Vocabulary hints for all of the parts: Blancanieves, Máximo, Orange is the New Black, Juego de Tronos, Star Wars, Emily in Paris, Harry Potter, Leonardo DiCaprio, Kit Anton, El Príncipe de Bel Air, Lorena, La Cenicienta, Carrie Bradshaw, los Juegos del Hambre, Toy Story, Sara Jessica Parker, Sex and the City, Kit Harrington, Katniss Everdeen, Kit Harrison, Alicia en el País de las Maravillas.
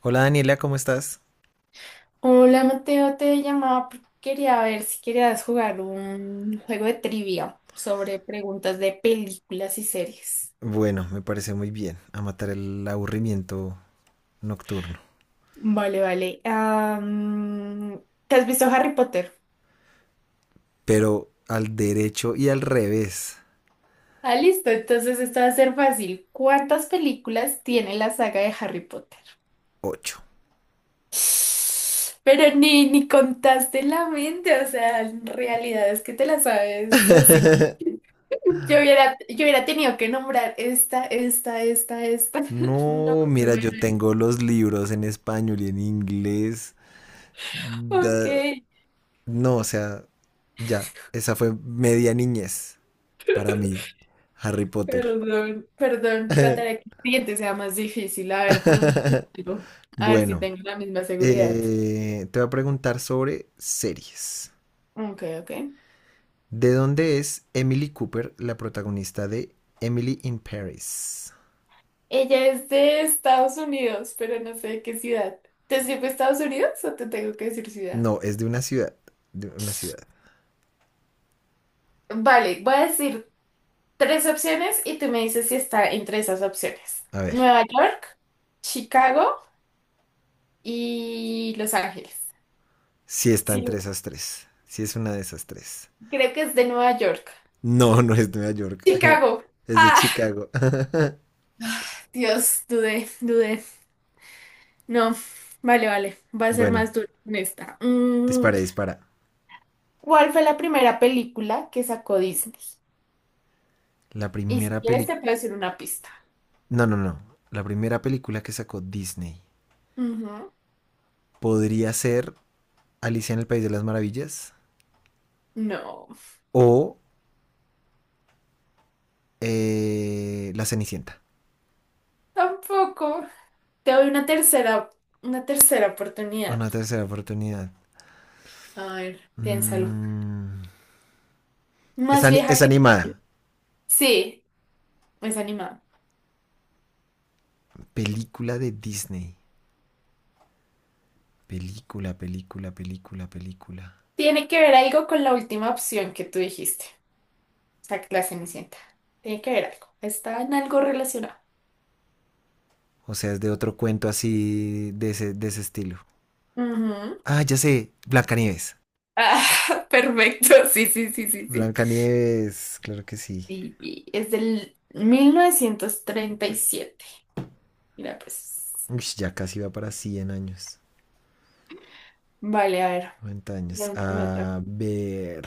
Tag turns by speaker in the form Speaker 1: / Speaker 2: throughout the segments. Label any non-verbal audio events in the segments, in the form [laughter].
Speaker 1: Hola Daniela, ¿cómo estás?
Speaker 2: Hola Mateo, te llamaba porque quería ver si querías jugar un juego de trivia sobre preguntas de películas y series.
Speaker 1: Bueno, me parece muy bien a matar el aburrimiento nocturno,
Speaker 2: Vale, vale. ¿Te has visto Harry Potter?
Speaker 1: pero al derecho y al revés,
Speaker 2: Ah, listo, entonces esto va a ser fácil. ¿Cuántas películas tiene la saga de Harry Potter?
Speaker 1: ocho.
Speaker 2: [sighs] Pero ni contaste la mente, o sea, en realidad es que te la sabes así.
Speaker 1: [laughs]
Speaker 2: Yo hubiera tenido que nombrar esta. [laughs] No,
Speaker 1: No, mira, yo tengo los libros en español y en inglés.
Speaker 2: ok,
Speaker 1: Da- no, o sea, ya, esa fue media niñez para mí, Harry Potter.
Speaker 2: perdón, perdón, trataré que el siguiente sea más difícil. A ver, pregúntame
Speaker 1: [laughs]
Speaker 2: algo, a ver si
Speaker 1: Bueno,
Speaker 2: tengo la misma seguridad.
Speaker 1: te voy a preguntar sobre series.
Speaker 2: Ok, ok.
Speaker 1: ¿De dónde es Emily Cooper, la protagonista de Emily in Paris?
Speaker 2: Ella es de Estados Unidos, pero no sé de qué ciudad. ¿Te sirve Estados Unidos o te tengo que decir ciudad?
Speaker 1: No, es de una ciudad. De una ciudad.
Speaker 2: Vale, voy a decir tres opciones y tú me dices si está entre esas opciones.
Speaker 1: A ver,
Speaker 2: Nueva York, Chicago y Los Ángeles.
Speaker 1: si sí está
Speaker 2: Sí,
Speaker 1: entre esas tres. Si sí es una de esas tres.
Speaker 2: creo que es de Nueva York.
Speaker 1: No, [laughs] no es de Nueva York.
Speaker 2: Chicago.
Speaker 1: Es de
Speaker 2: Ah,
Speaker 1: Chicago. [laughs]
Speaker 2: Dios, dudé, dudé. No, vale, vale, va a ser
Speaker 1: Bueno,
Speaker 2: más duro con esta.
Speaker 1: dispara, dispara.
Speaker 2: ¿Cuál fue la primera película que sacó Disney?
Speaker 1: La
Speaker 2: Y si
Speaker 1: primera
Speaker 2: quieres
Speaker 1: película.
Speaker 2: te puedo decir una pista.
Speaker 1: No, no, no. La primera película que sacó Disney
Speaker 2: Ujú.
Speaker 1: podría ser Alicia en el País de las Maravillas
Speaker 2: No,
Speaker 1: o La Cenicienta.
Speaker 2: tampoco. Te doy una tercera oportunidad.
Speaker 1: Una tercera oportunidad.
Speaker 2: A ver, piénsalo.
Speaker 1: Mm. Es,
Speaker 2: Más vieja
Speaker 1: es
Speaker 2: que...
Speaker 1: animada.
Speaker 2: Sí, es animada.
Speaker 1: Película de Disney. Película, película, película, película.
Speaker 2: Tiene que ver algo con la última opción que tú dijiste. O sea, que la Cenicienta. Tiene que ver algo. Está en algo relacionado.
Speaker 1: O sea, es de otro cuento así de ese estilo.
Speaker 2: Ujú.
Speaker 1: Ah, ya sé. Blancanieves.
Speaker 2: Ah, [laughs] perfecto. Sí, sí, sí, sí, sí.
Speaker 1: Blancanieves, claro que sí.
Speaker 2: Y es del 1937. Mira, pues.
Speaker 1: Uy, ya casi va para 100 años.
Speaker 2: Vale, a ver.
Speaker 1: 90 años.
Speaker 2: Pregúntame otra.
Speaker 1: A ver.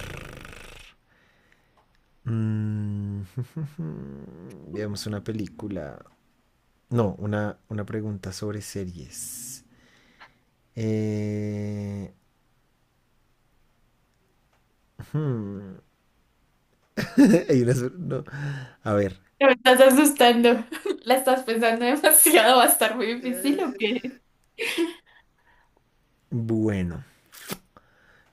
Speaker 1: mm, [laughs] Veamos una película. No, una pregunta sobre series. Eh, hmm, [laughs] no, a ver.
Speaker 2: Te me estás asustando. [laughs] La estás pensando demasiado. ¿Va a estar muy difícil o qué?
Speaker 1: Bueno.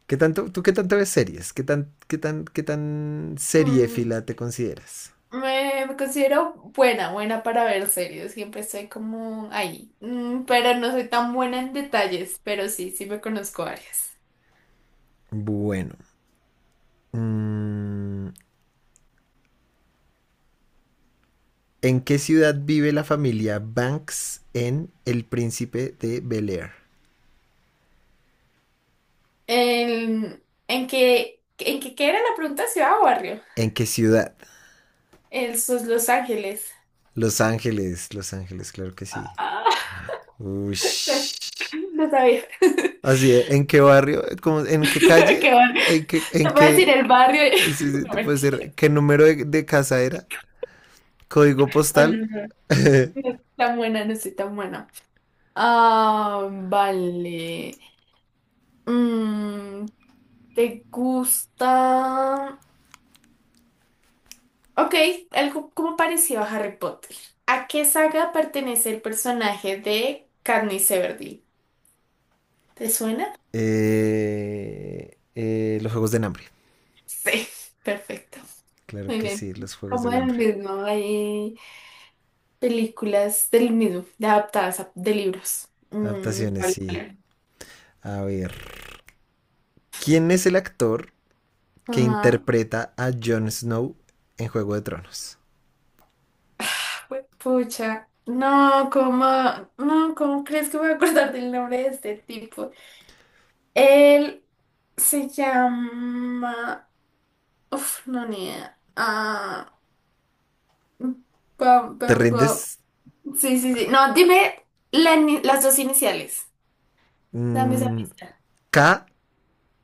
Speaker 1: ¿Tú qué tanto ves series? ¿Qué tan
Speaker 2: Mm,
Speaker 1: seriéfila te consideras?
Speaker 2: me considero buena, buena para ver series. Siempre estoy como ahí. Pero no soy tan buena en detalles, pero sí, sí me conozco varias.
Speaker 1: Bueno. mm, ¿En qué ciudad vive la familia Banks en El Príncipe de Bel Air?
Speaker 2: ¿Qué era la pregunta? ¿Ciudad o barrio?
Speaker 1: ¿En qué ciudad?
Speaker 2: El sus Los Ángeles.
Speaker 1: Los Ángeles, Los Ángeles, claro que
Speaker 2: Ah,
Speaker 1: sí.
Speaker 2: ah,
Speaker 1: Ush.
Speaker 2: [laughs] no sabía. [laughs]
Speaker 1: Así, ¿eh? ¿En qué barrio? ¿En qué calle?
Speaker 2: Qué bueno.
Speaker 1: ¿En qué, en
Speaker 2: Te voy a decir
Speaker 1: qué,
Speaker 2: el barrio.
Speaker 1: sí,
Speaker 2: [laughs]
Speaker 1: sí,
Speaker 2: No,
Speaker 1: te puede
Speaker 2: mentira.
Speaker 1: ser, ¿qué número de casa era? ¿Código
Speaker 2: No,
Speaker 1: postal?
Speaker 2: no, no. No
Speaker 1: [laughs]
Speaker 2: soy tan buena, no soy tan buena. Ah, vale. Mm, ¿Te gusta? Ok, algo como parecido a Harry Potter. ¿A qué saga pertenece el personaje de Katniss Everdeen? ¿Te suena?
Speaker 1: Los Juegos del Hambre.
Speaker 2: Sí, perfecto.
Speaker 1: Claro
Speaker 2: Muy
Speaker 1: que
Speaker 2: bien.
Speaker 1: sí, los Juegos
Speaker 2: Como
Speaker 1: del
Speaker 2: el
Speaker 1: Hambre.
Speaker 2: mismo, hay películas del mismo, de libros.
Speaker 1: Adaptaciones,
Speaker 2: Vale,
Speaker 1: sí.
Speaker 2: vale.
Speaker 1: A ver. ¿Quién es el actor que
Speaker 2: Ajá.
Speaker 1: interpreta a Jon Snow en Juego de Tronos?
Speaker 2: Pues, pucha, no, no, ¿cómo crees que voy a acordar del nombre de este tipo? Él se llama... Uf, no, ni idea. Ah, Bob,
Speaker 1: ¿Te
Speaker 2: Bob, Bob.
Speaker 1: rindes?
Speaker 2: Sí, sí, sí. No, dime la ni- las dos iniciales. Dame esa
Speaker 1: Mm,
Speaker 2: pista.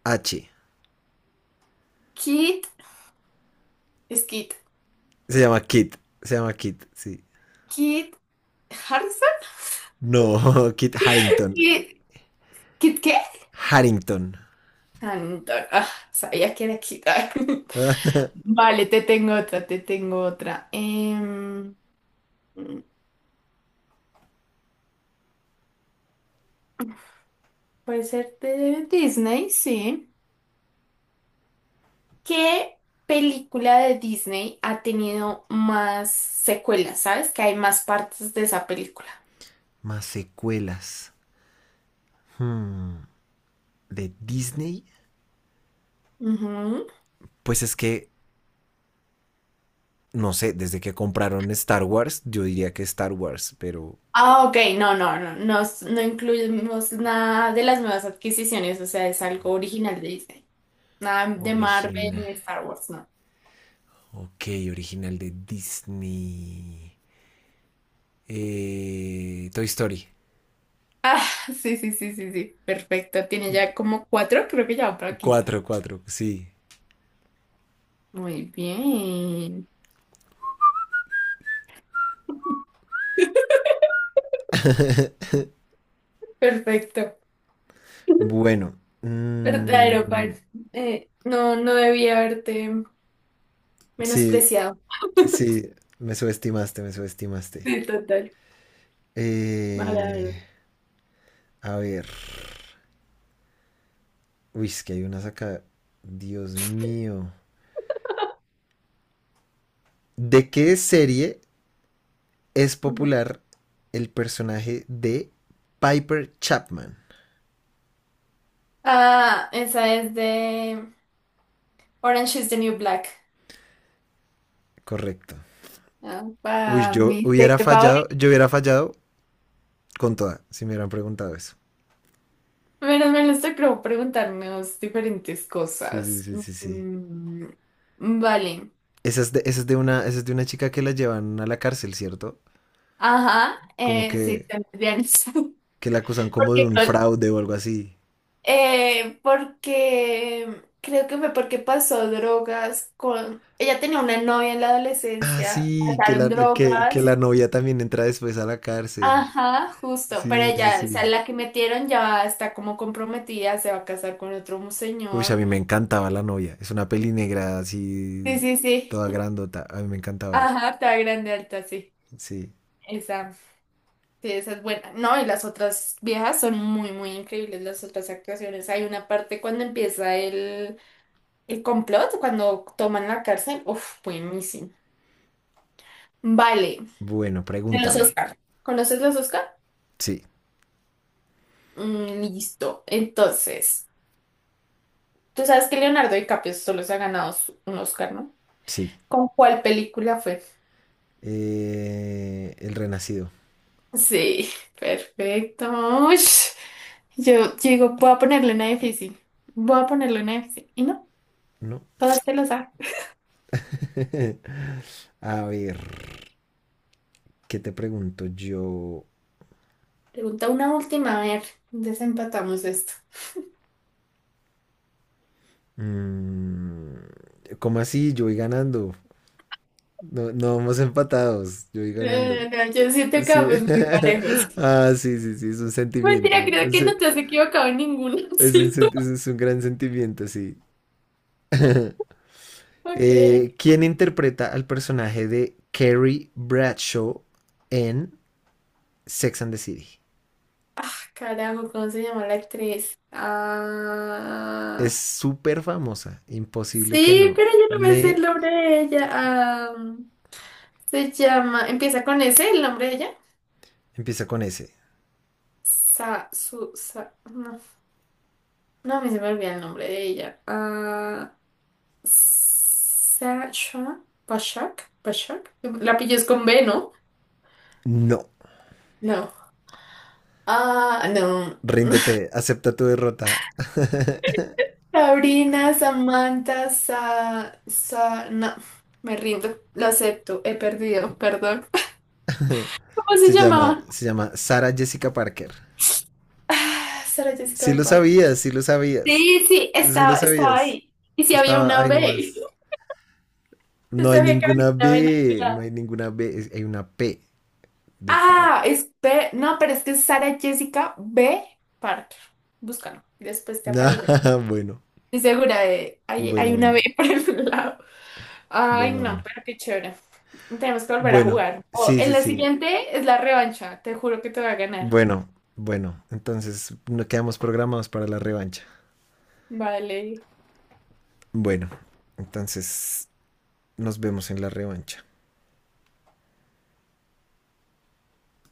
Speaker 1: K.H.
Speaker 2: Kit, es Kit.
Speaker 1: Se llama Kit. Se llama Kit, sí.
Speaker 2: Kit Harrison.
Speaker 1: No, [laughs] Kit Harrington.
Speaker 2: Kit, ¿Kit qué?
Speaker 1: Harrington.
Speaker 2: Anton. Ah, sabía que era Kit. [laughs] Vale, te tengo otra, te tengo otra. Puede ser de Disney, sí. ¿Qué película de Disney ha tenido más secuelas? ¿Sabes? Que hay más partes de esa película.
Speaker 1: Más secuelas. Hmm, ¿De Disney?
Speaker 2: Ujú.
Speaker 1: Pues es que, no sé, desde que compraron Star Wars, yo diría que Star Wars, pero
Speaker 2: Ah, ok, no, no, no, no, no incluimos nada de las nuevas adquisiciones, o sea, es algo original de Disney. Nada de Marvel
Speaker 1: original.
Speaker 2: ni Star Wars, no.
Speaker 1: Ok, original de Disney. Toy Story.
Speaker 2: [laughs] Sí, sí, sí, sí, sí, perfecto. Tiene ya como cuatro, creo que ya va para la quinta.
Speaker 1: Cuatro, cuatro, sí.
Speaker 2: Muy bien, [laughs]
Speaker 1: [laughs]
Speaker 2: perfecto.
Speaker 1: Bueno.
Speaker 2: Verdadero, par. No, no debía haberte
Speaker 1: Sí,
Speaker 2: menospreciado. [laughs]
Speaker 1: sí, me subestimaste, me subestimaste.
Speaker 2: Sí, total. Verdadero.
Speaker 1: Eh, a ver. Uy, es que hay unas acá. Dios mío. ¿De qué serie es
Speaker 2: Ujú.
Speaker 1: popular el personaje de Piper Chapman?
Speaker 2: Ah, esa es de Orange is the New Black.
Speaker 1: Correcto.
Speaker 2: Ah,
Speaker 1: Uy,
Speaker 2: para
Speaker 1: yo
Speaker 2: mi
Speaker 1: hubiera
Speaker 2: serie
Speaker 1: fallado,
Speaker 2: favorita.
Speaker 1: yo hubiera fallado con toda, si me hubieran preguntado eso.
Speaker 2: Pero me les tocó preguntarnos diferentes
Speaker 1: Sí, sí,
Speaker 2: cosas.
Speaker 1: sí, sí, sí.
Speaker 2: Mm, vale.
Speaker 1: Esa es de una chica que la llevan a la cárcel, ¿cierto?
Speaker 2: Ajá,
Speaker 1: Como
Speaker 2: sí,
Speaker 1: que,
Speaker 2: también. [laughs]
Speaker 1: que la acusan como de
Speaker 2: Porque
Speaker 1: un fraude o algo así.
Speaker 2: porque creo que fue porque pasó drogas con... Ella tenía una novia en la
Speaker 1: Ah,
Speaker 2: adolescencia,
Speaker 1: sí, que
Speaker 2: pasaron
Speaker 1: la, que
Speaker 2: drogas.
Speaker 1: la novia también entra después a la cárcel.
Speaker 2: Ajá, justo, pero
Speaker 1: Sí, sí,
Speaker 2: ella, o sea,
Speaker 1: sí.
Speaker 2: la que metieron ya está como comprometida, se va a casar con otro
Speaker 1: Uy, a
Speaker 2: señor.
Speaker 1: mí me encantaba la novia. Es una peli negra
Speaker 2: Sí,
Speaker 1: así,
Speaker 2: sí, sí.
Speaker 1: toda grandota. A mí me encantaba ella.
Speaker 2: Ajá, está grande, alta, sí.
Speaker 1: Sí.
Speaker 2: Esa, sí, esa es buena. No, y las otras viejas son muy, muy increíbles, las otras actuaciones. Hay una parte cuando empieza el complot, cuando toman la cárcel, uf, buenísimo. Vale,
Speaker 1: Bueno,
Speaker 2: en los
Speaker 1: pregúntame.
Speaker 2: Oscar. ¿Conoces los Oscar?
Speaker 1: Sí,
Speaker 2: Mm, listo. Entonces, tú sabes que Leonardo DiCaprio solo se ha ganado un Oscar, ¿no?
Speaker 1: sí.
Speaker 2: ¿Con cuál película fue?
Speaker 1: El renacido,
Speaker 2: Sí, perfecto. Ush, yo digo, voy a ponerle una difícil. Voy a ponerle una difícil. Y no,
Speaker 1: ¿no?
Speaker 2: todas te lo saben.
Speaker 1: [laughs] A ver. ¿Qué te pregunto yo?
Speaker 2: Pregunta una última, a ver, desempatamos esto. [laughs]
Speaker 1: Mm, ¿Cómo así? Yo voy ganando. No, no vamos empatados. Yo voy
Speaker 2: No,
Speaker 1: ganando.
Speaker 2: no, no, yo siento que
Speaker 1: Sí.
Speaker 2: vamos muy parejos.
Speaker 1: [laughs] Ah, sí, sí, sí, es un
Speaker 2: Mentira,
Speaker 1: sentimiento.
Speaker 2: creo que no te has equivocado en ninguna, [laughs]
Speaker 1: Es un,
Speaker 2: ¿cierto?
Speaker 1: es un gran sentimiento, sí.
Speaker 2: Ok, ok.
Speaker 1: ¿Quién interpreta al personaje de Carrie Bradshaw en Sex and the City?
Speaker 2: Ah, carajo, ¿cómo se llama la actriz?
Speaker 1: Es
Speaker 2: Ah,
Speaker 1: súper famosa. Imposible que
Speaker 2: sí,
Speaker 1: no.
Speaker 2: pero yo no me sé el
Speaker 1: Me
Speaker 2: nombre de ella. Ah, se llama, empieza con ese el nombre de ella.
Speaker 1: empieza con ese.
Speaker 2: Sa, su, sa, no, no, a mí se me olvida el nombre de ella. Ah, Sasha, Bashak, Bashak. La pillas con B, ¿no?
Speaker 1: No.
Speaker 2: No. Ah, no.
Speaker 1: Ríndete. Acepta tu derrota.
Speaker 2: Sabrina, Samantha, Sa, Sa- no, me rindo, lo acepto, he perdido, perdón. ¿Cómo se
Speaker 1: Se llama,
Speaker 2: llamaba?
Speaker 1: se llama Sara Jessica Parker.
Speaker 2: Ah, Sara
Speaker 1: Sí
Speaker 2: Jessica
Speaker 1: lo
Speaker 2: Parker.
Speaker 1: sabías, sí lo sabías.
Speaker 2: Sí, sí,
Speaker 1: Sí lo
Speaker 2: estaba
Speaker 1: sabías.
Speaker 2: ahí. Y si había
Speaker 1: Estaba
Speaker 2: una
Speaker 1: ahí
Speaker 2: B.
Speaker 1: nomás.
Speaker 2: [laughs] Yo
Speaker 1: No hay
Speaker 2: sabía que había
Speaker 1: ninguna
Speaker 2: una B en el
Speaker 1: B, no
Speaker 2: lado.
Speaker 1: hay ninguna B, hay una P de
Speaker 2: Ah,
Speaker 1: Parker.
Speaker 2: es B. No, pero es que es Sara Jessica B. Parker. Búscalo. Después te
Speaker 1: [laughs]
Speaker 2: aparece.
Speaker 1: Ah, bueno,
Speaker 2: Estoy segura de. Hay,
Speaker 1: bueno,
Speaker 2: hay una
Speaker 1: bueno,
Speaker 2: B [laughs] por el lado. Ay,
Speaker 1: bueno,
Speaker 2: no,
Speaker 1: bueno.
Speaker 2: pero qué chévere. Tenemos que volver a
Speaker 1: Bueno,
Speaker 2: jugar. O
Speaker 1: sí,
Speaker 2: en
Speaker 1: sí,
Speaker 2: la
Speaker 1: sí.
Speaker 2: siguiente es la revancha. Te juro que te voy a ganar.
Speaker 1: Bueno, bueno. Entonces, no quedamos programados para la revancha.
Speaker 2: Vale.
Speaker 1: Bueno, entonces nos vemos en la revancha.